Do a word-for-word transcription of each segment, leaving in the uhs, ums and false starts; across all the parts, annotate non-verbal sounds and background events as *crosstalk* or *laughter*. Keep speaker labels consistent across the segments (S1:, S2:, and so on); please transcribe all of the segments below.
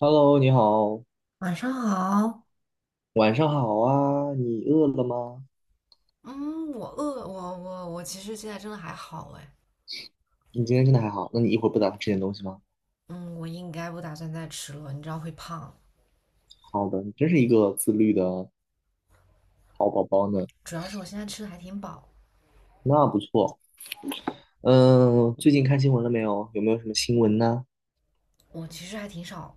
S1: Hello，你好，
S2: 晚上好。
S1: 晚上好啊，你饿了吗？
S2: 嗯，我饿，我我我其实现在真的还好哎。
S1: 你今天真的还好？那你一会儿不打算吃点东西吗？
S2: 嗯，我应该不打算再吃了，你知道会胖，
S1: 好的，你真是一个自律的好宝宝呢，
S2: 主要是我现在吃的还挺饱。
S1: 那不错。嗯，最近看新闻了没有？有没有什么新闻呢？
S2: 我其实还挺少，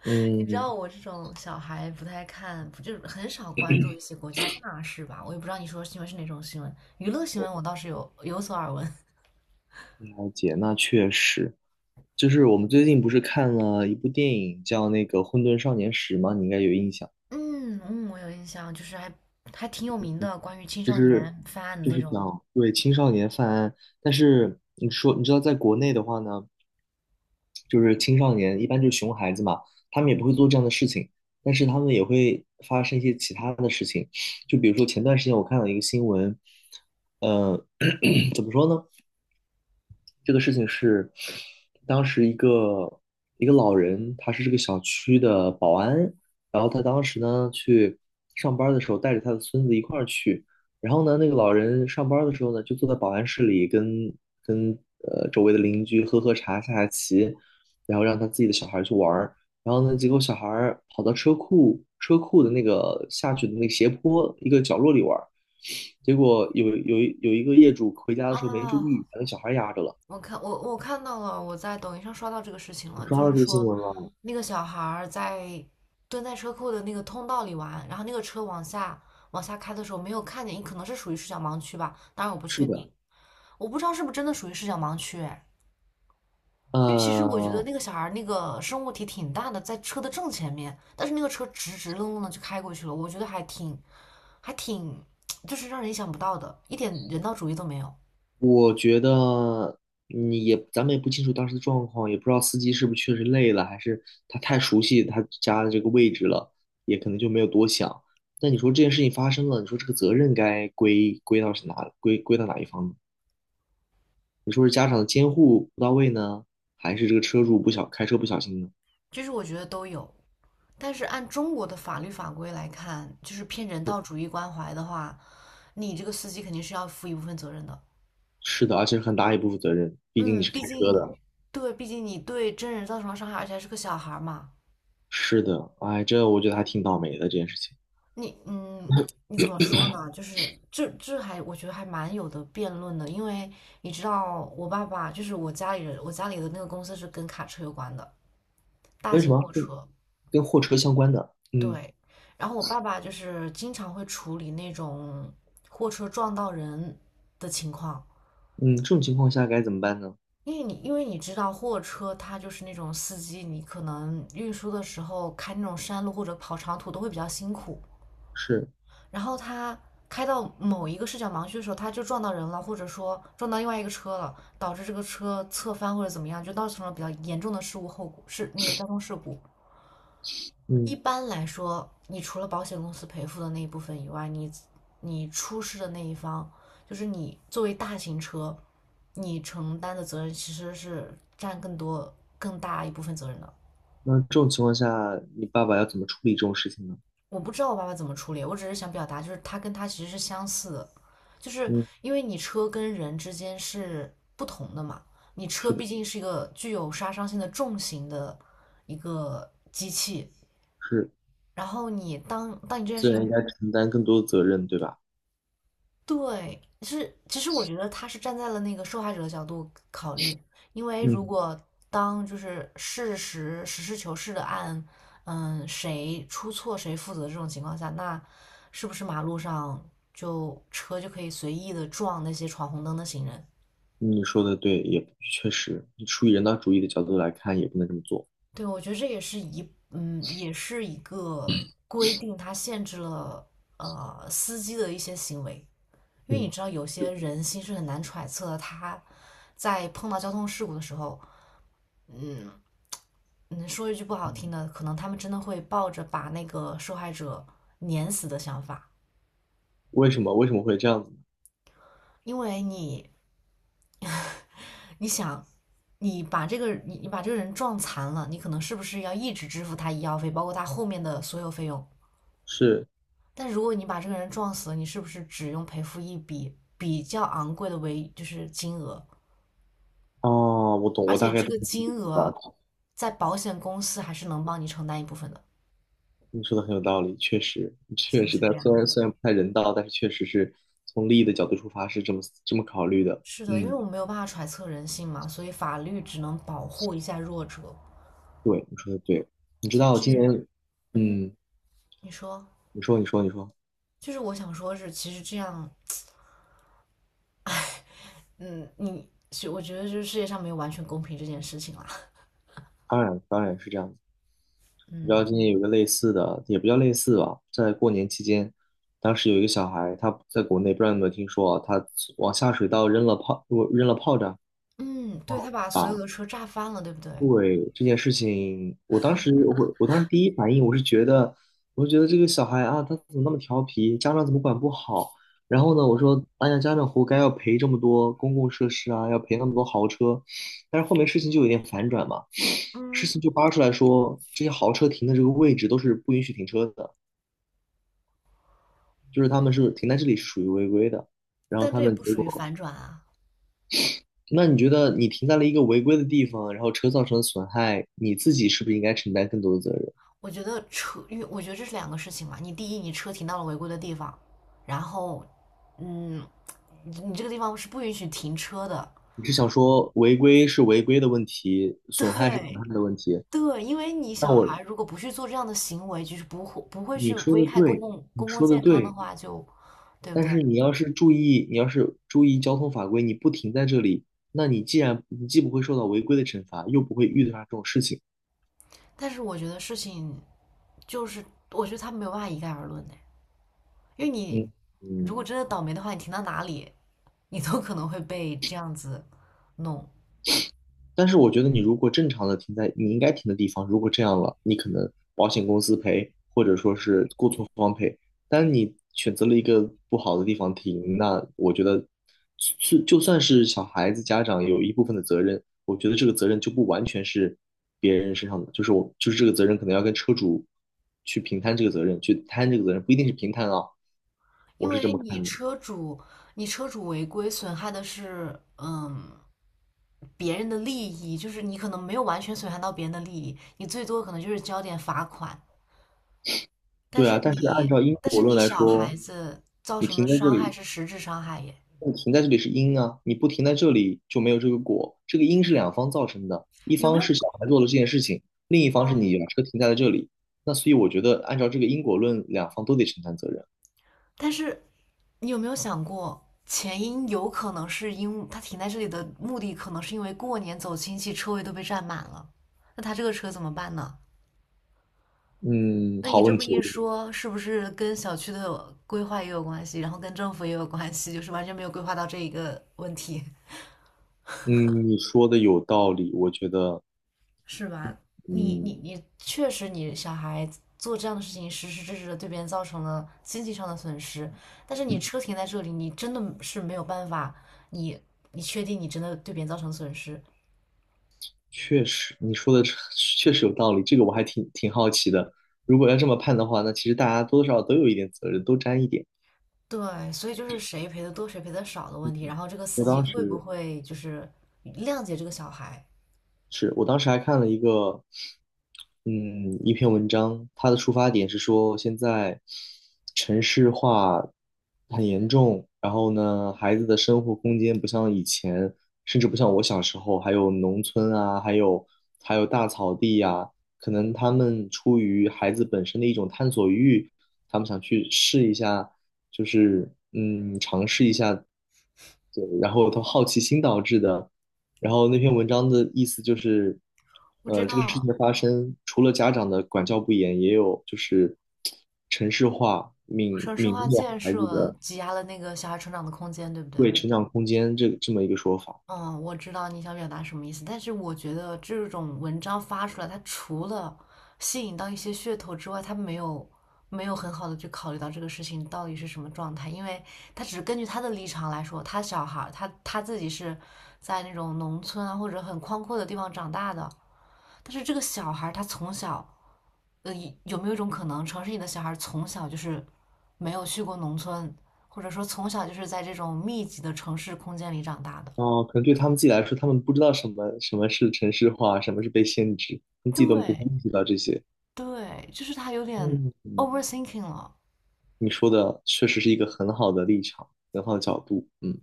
S2: *laughs* 你知
S1: 嗯，
S2: 道我这种小孩不太看，不就是很少关注一些国家大事吧？我也不知道你说的新闻是哪种新闻，娱乐新闻我倒是有有所耳闻。
S1: 了解，那确实，就是我们最近不是看了一部电影叫那个《混沌少年时》吗？你应该有印象，
S2: *laughs* 嗯嗯，我有印象，就是还还挺有名的，关于青
S1: 就
S2: 少
S1: 是
S2: 年犯案的
S1: 就
S2: 那
S1: 是
S2: 种。
S1: 讲对青少年犯案，但是你说你知道在国内的话呢？就是青少年，一般就是熊孩子嘛，他们也不会做这样的事情，但是他们也会发生一些其他的事情，就比如说前段时间我看到一个新闻，呃，*coughs* *clears throat* 怎么说呢？这个事情是当时一个一个老人，他是这个小区的保安，然后他当时呢去上班的时候带着他的孙子一块儿去，然后呢那个老人上班的时候呢就坐在保安室里跟跟呃周围的邻居喝喝茶下下棋，然后让他自己的小孩儿去玩儿，然后呢结果小孩儿跑到车库车库的那个下去的那个斜坡一个角落里玩儿，结果有有一有一个业主回家的时候没注
S2: 哦，
S1: 意把那小孩压着了。
S2: 我看我我看到了，我在抖音上刷到这个事情
S1: 你
S2: 了，
S1: 刷
S2: 就
S1: 到
S2: 是
S1: 这个新
S2: 说
S1: 闻了？
S2: 那个小孩儿在蹲在车库的那个通道里玩，然后那个车往下往下开的时候没有看见，可能是属于视角盲区吧，当然我不
S1: 是
S2: 确
S1: 的，
S2: 定。我不知道是不是真的属于视角盲区，哎，因为其实我觉得
S1: 呃，
S2: 那个小孩儿那个生物体挺大的，在车的正前面，但是那个车直直愣愣的就开过去了，我觉得还挺还挺，就是让人意想不到的，一点人道主义都没有。
S1: 我觉得你也，咱们也不清楚当时的状况，也不知道司机是不是确实累了，还是他太熟悉他家的这个位置了，也可能就没有多想。但你说这件事情发生了，你说这个责任该归归到是哪，归归到哪一方呢？你说是家长的监护不到位呢，还是这个车主不小，开车不小心呢？
S2: 就是我觉得都有。但是按中国的法律法规来看，就是偏人道主义关怀的话，你这个司机肯定是要负一部分责任的。
S1: 是的，而且很大一部分责任，毕竟你
S2: 嗯，
S1: 是开
S2: 毕
S1: 车
S2: 竟，
S1: 的。
S2: 对，毕竟你对真人造成了伤害，而且还是个小孩儿嘛。
S1: 是的，哎，这我觉得还挺倒霉的这件事情。
S2: 你，嗯，你怎么说呢？就是这这还我觉得还蛮有的辩论的，因为你知道，我爸爸就是我家里人，我家里的那个公司是跟卡车有关的，大
S1: 跟什
S2: 型
S1: 么？
S2: 货
S1: 跟
S2: 车。
S1: 跟货车相关的。嗯
S2: 对，然后我爸爸就是经常会处理那种货车撞到人的情况。
S1: 嗯，这种情况下该怎么办呢？
S2: 因为你因为你知道货车它就是那种司机，你可能运输的时候开那种山路或者跑长途都会比较辛苦。
S1: 是，
S2: 然后他开到某一个视角盲区的时候，他就撞到人了，或者说撞到另外一个车了，导致这个车侧翻或者怎么样，就造成了比较严重的事故后果，是那个交通事故。一
S1: 嗯，
S2: 般来说，你除了保险公司赔付的那一部分以外，你你出事的那一方，就是你作为大型车，你承担的责任其实是占更多、更大一部分责任的。
S1: 那这种情况下，你爸爸要怎么处理这种事情呢？
S2: 我不知道我爸爸怎么处理，我只是想表达，就是他跟他其实是相似的，就是
S1: 嗯，
S2: 因为你车跟人之间是不同的嘛，你车
S1: 是的，
S2: 毕竟是一个具有杀伤性的重型的一个机器，
S1: 是，
S2: 然后你当当你这件事
S1: 自然
S2: 情
S1: 应该承担更多的责任，对吧？
S2: 对，是，其实我觉得他是站在了那个受害者的角度考虑，因为如
S1: 嗯，
S2: 果当就是事实实事求是的按，嗯，谁出错谁负责这种情况下，那是不是马路上就车就可以随意的撞那些闯红灯的行人？
S1: 你说的对，也确实，你出于人道主义的角度来看，也不能这么做。
S2: 对，我觉得这也是一，嗯，也是一个规定，它限制了呃司机的一些行为，因为你
S1: 嗯，
S2: 知道有些人心是很难揣测的，他在碰到交通事故的时候。嗯，说一句不好听
S1: 嗯
S2: 的，可能他们真的会抱着把那个受害者碾死的想法，
S1: 为什么？为什么会这样子呢？
S2: 因为你，你想，你把这个你你把这个人撞残了，你可能是不是要一直支付他医药费，包括他后面的所有费用？
S1: 是，
S2: 但如果你把这个人撞死了，你是不是只用赔付一笔比较昂贵的为就是金额？
S1: 哦，我懂，
S2: 而
S1: 我
S2: 且
S1: 大概
S2: 这
S1: 懂
S2: 个
S1: 你的意
S2: 金
S1: 思
S2: 额
S1: 吧。
S2: 在保险公司还是能帮你承担一部分的，
S1: 你说的很有道理，确实，
S2: 是
S1: 确
S2: 不
S1: 实，
S2: 是
S1: 但
S2: 这
S1: 虽
S2: 样？
S1: 然虽然不太人道，但是确实是从利益的角度出发是这么这么考虑的。
S2: 是的，因为
S1: 嗯，
S2: 我们没有办法揣测人性嘛，所以法律只能保护一下弱者。
S1: 对，你说的对。你知
S2: 其实
S1: 道今
S2: 这，
S1: 年，
S2: 嗯，
S1: 嗯，
S2: 你说，
S1: 你说，你说，你说，
S2: 就是我想说是，其实这样，嗯，你是我觉得就是世界上没有完全公平这件事情啦。*laughs*
S1: 当然，当然是这样的。你知道
S2: 嗯
S1: 今年有个类似的，也不叫类似吧，在过年期间，当时有一个小孩，他在国内不知道你有没有听说啊，他往下水道扔了炮，扔了炮仗，
S2: 嗯，对，他
S1: 哦，
S2: 把所有的车炸翻了，对不对？
S1: 对这件事情，我当时我我当时第一反应我是觉得，我就觉得这个小孩啊，他怎么那么调皮，家长怎么管不好？然后呢，我说，哎呀，家长活该要赔这么多公共设施啊，要赔那么多豪车。但是后面事情就有点反转嘛，事
S2: 嗯，
S1: 情就扒出来说，这些豪车停的这个位置都是不允许停车的，就是他们是停在这里是属于违规的。然后
S2: 但
S1: 他
S2: 这也
S1: 们
S2: 不
S1: 结
S2: 属于
S1: 果，
S2: 反转啊。
S1: 那你觉得你停在了一个违规的地方，然后车造成的损害，你自己是不是应该承担更多的责任？
S2: 我觉得车，因为我觉得这是两个事情嘛。你第一，你车停到了违规的地方，然后，嗯，你你这个地方是不允许停车的。
S1: 你是想说违规是违规的问题，
S2: *laughs*
S1: 损害是
S2: 对，
S1: 损害的问题？
S2: 对，因为你
S1: 那
S2: 小
S1: 我
S2: 孩如果不去做这样的行为，就是不会不会
S1: 你
S2: 去
S1: 说
S2: 危
S1: 的
S2: 害公
S1: 对，
S2: 共
S1: 你
S2: 公共
S1: 说的
S2: 健康的
S1: 对，
S2: 话就，对不
S1: 但
S2: 对？
S1: 是你要是注意，你要是注意交通法规，你不停在这里，那你既然你既不会受到违规的惩罚，又不会遇到这种事情，
S2: 但是我觉得事情就是，我觉得他没有办法一概而论的，因为你
S1: 嗯
S2: 如
S1: 嗯，
S2: 果真的倒霉的话，你停到哪里，你都可能会被这样子弄，
S1: 但是我觉得你如果正常的停在你应该停的地方，如果这样了，你可能保险公司赔，或者说是过错方赔。但你选择了一个不好的地方停，那我觉得是就算是小孩子家长有一部分的责任，我觉得这个责任就不完全是别人身上的，就是我就是这个责任可能要跟车主去平摊这个责任，去摊这个责任，不一定是平摊啊，
S2: 因
S1: 我是这
S2: 为
S1: 么
S2: 你
S1: 看的。
S2: 车主你车主违规损害的是嗯别人的利益，就是你可能没有完全损害到别人的利益，你最多可能就是交点罚款，但
S1: 对
S2: 是
S1: 啊，但是按
S2: 你，
S1: 照因
S2: 但
S1: 果
S2: 是
S1: 论
S2: 你
S1: 来
S2: 小孩
S1: 说，
S2: 子造
S1: 你
S2: 成的
S1: 停在这
S2: 伤害
S1: 里，
S2: 是实质伤害耶，
S1: 你停在这里是因啊，你不停在这里就没有这个果。这个因是两方造成的，一
S2: 有没
S1: 方
S2: 有？
S1: 是小孩做了这件事情，另一方是
S2: 嗯，
S1: 你把车停在了这里。那所以我觉得，按照这个因果论，两方都得承担责任。
S2: 但是你有没有想过，前因有可能是因为他停在这里的目的，可能是因为过年走亲戚，车位都被占满了，那他这个车怎么办呢？
S1: 嗯，
S2: 那你
S1: 好
S2: 这
S1: 问
S2: 么
S1: 题
S2: 一
S1: 哦。
S2: 说，是不是跟小区的规划也有关系，然后跟政府也有关系，就是完全没有规划到这一个问题？
S1: 嗯，你说的有道理，我觉得，
S2: 是吧？你你
S1: 嗯，
S2: 你，确实你小孩做这样的事情，实实质质的对别人造成了经济上的损失。但是你车停在这里，你真的是没有办法，你你确定你真的对别人造成损失？
S1: 确实，你说的 *laughs* 确实有道理。这个我还挺挺好奇的。如果要这么判的话，那其实大家多多少少都有一点责任，都沾一点。
S2: 对，所以就是谁赔的多，谁赔的少的问题。然后这个司
S1: 我
S2: 机
S1: 当
S2: 会不
S1: 时
S2: 会就是谅解这个小孩？
S1: 是我当时还看了一个，嗯，一篇文章，它的出发点是说现在城市化很严重，然后呢，孩子的生活空间不像以前，甚至不像我小时候，还有农村啊，还有还有大草地呀、可能他们出于孩子本身的一种探索欲，他们想去试一下，就是嗯，尝试一下，对，然后他好奇心导致的。然后那篇文章的意思就是，
S2: 不知
S1: 呃，这个事情
S2: 道，
S1: 的发生，除了家长的管教不严，也有就是城市化泯
S2: 城市
S1: 泯
S2: 化
S1: 灭
S2: 建
S1: 孩子
S2: 设
S1: 的
S2: 挤压了那个小孩成长的空间，对不对？
S1: 对成长空间这这么一个说法。
S2: 嗯，我知道你想表达什么意思，但是我觉得这种文章发出来，它除了吸引到一些噱头之外，它没有没有很好的去考虑到这个事情到底是什么状态，因为他只是根据他的立场来说，他小孩儿他他自己是在那种农村啊或者很宽阔的地方长大的，但是这个小孩儿他从小，呃，有没有一种可能，城市里的小孩儿从小就是没有去过农村，或者说从小就是在这种密集的城市空间里长大的？
S1: 啊，可能对他们自己来说，他们不知道什么什么是城市化，什么是被限制，他们自己都不会
S2: 对，
S1: 意识到这些。
S2: 对，就是他有点
S1: 嗯，嗯
S2: overthinking 了，
S1: 你说的确实是一个很好的立场，很好的角度。嗯，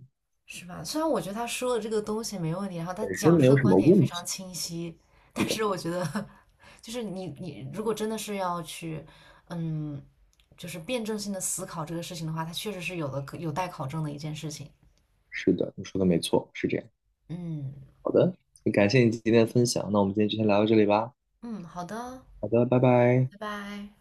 S2: 是吧？虽然我觉得他说的这个东西没问题，然后他
S1: 本身
S2: 讲
S1: 没
S2: 述的
S1: 有什
S2: 观
S1: 么
S2: 点也非
S1: 问
S2: 常
S1: 题。
S2: 清晰，
S1: 是
S2: 但
S1: 的，
S2: 是我觉得，就是你你如果真的是要去，嗯，就是辩证性的思考这个事情的话，它确实是有的有待考证的一件事情。
S1: 是的，你说的没错，是这样。
S2: 嗯
S1: 好的，感谢你今天的分享，那我们今天就先聊到这里吧。
S2: 嗯，好的，
S1: 好的，拜拜。
S2: 拜拜。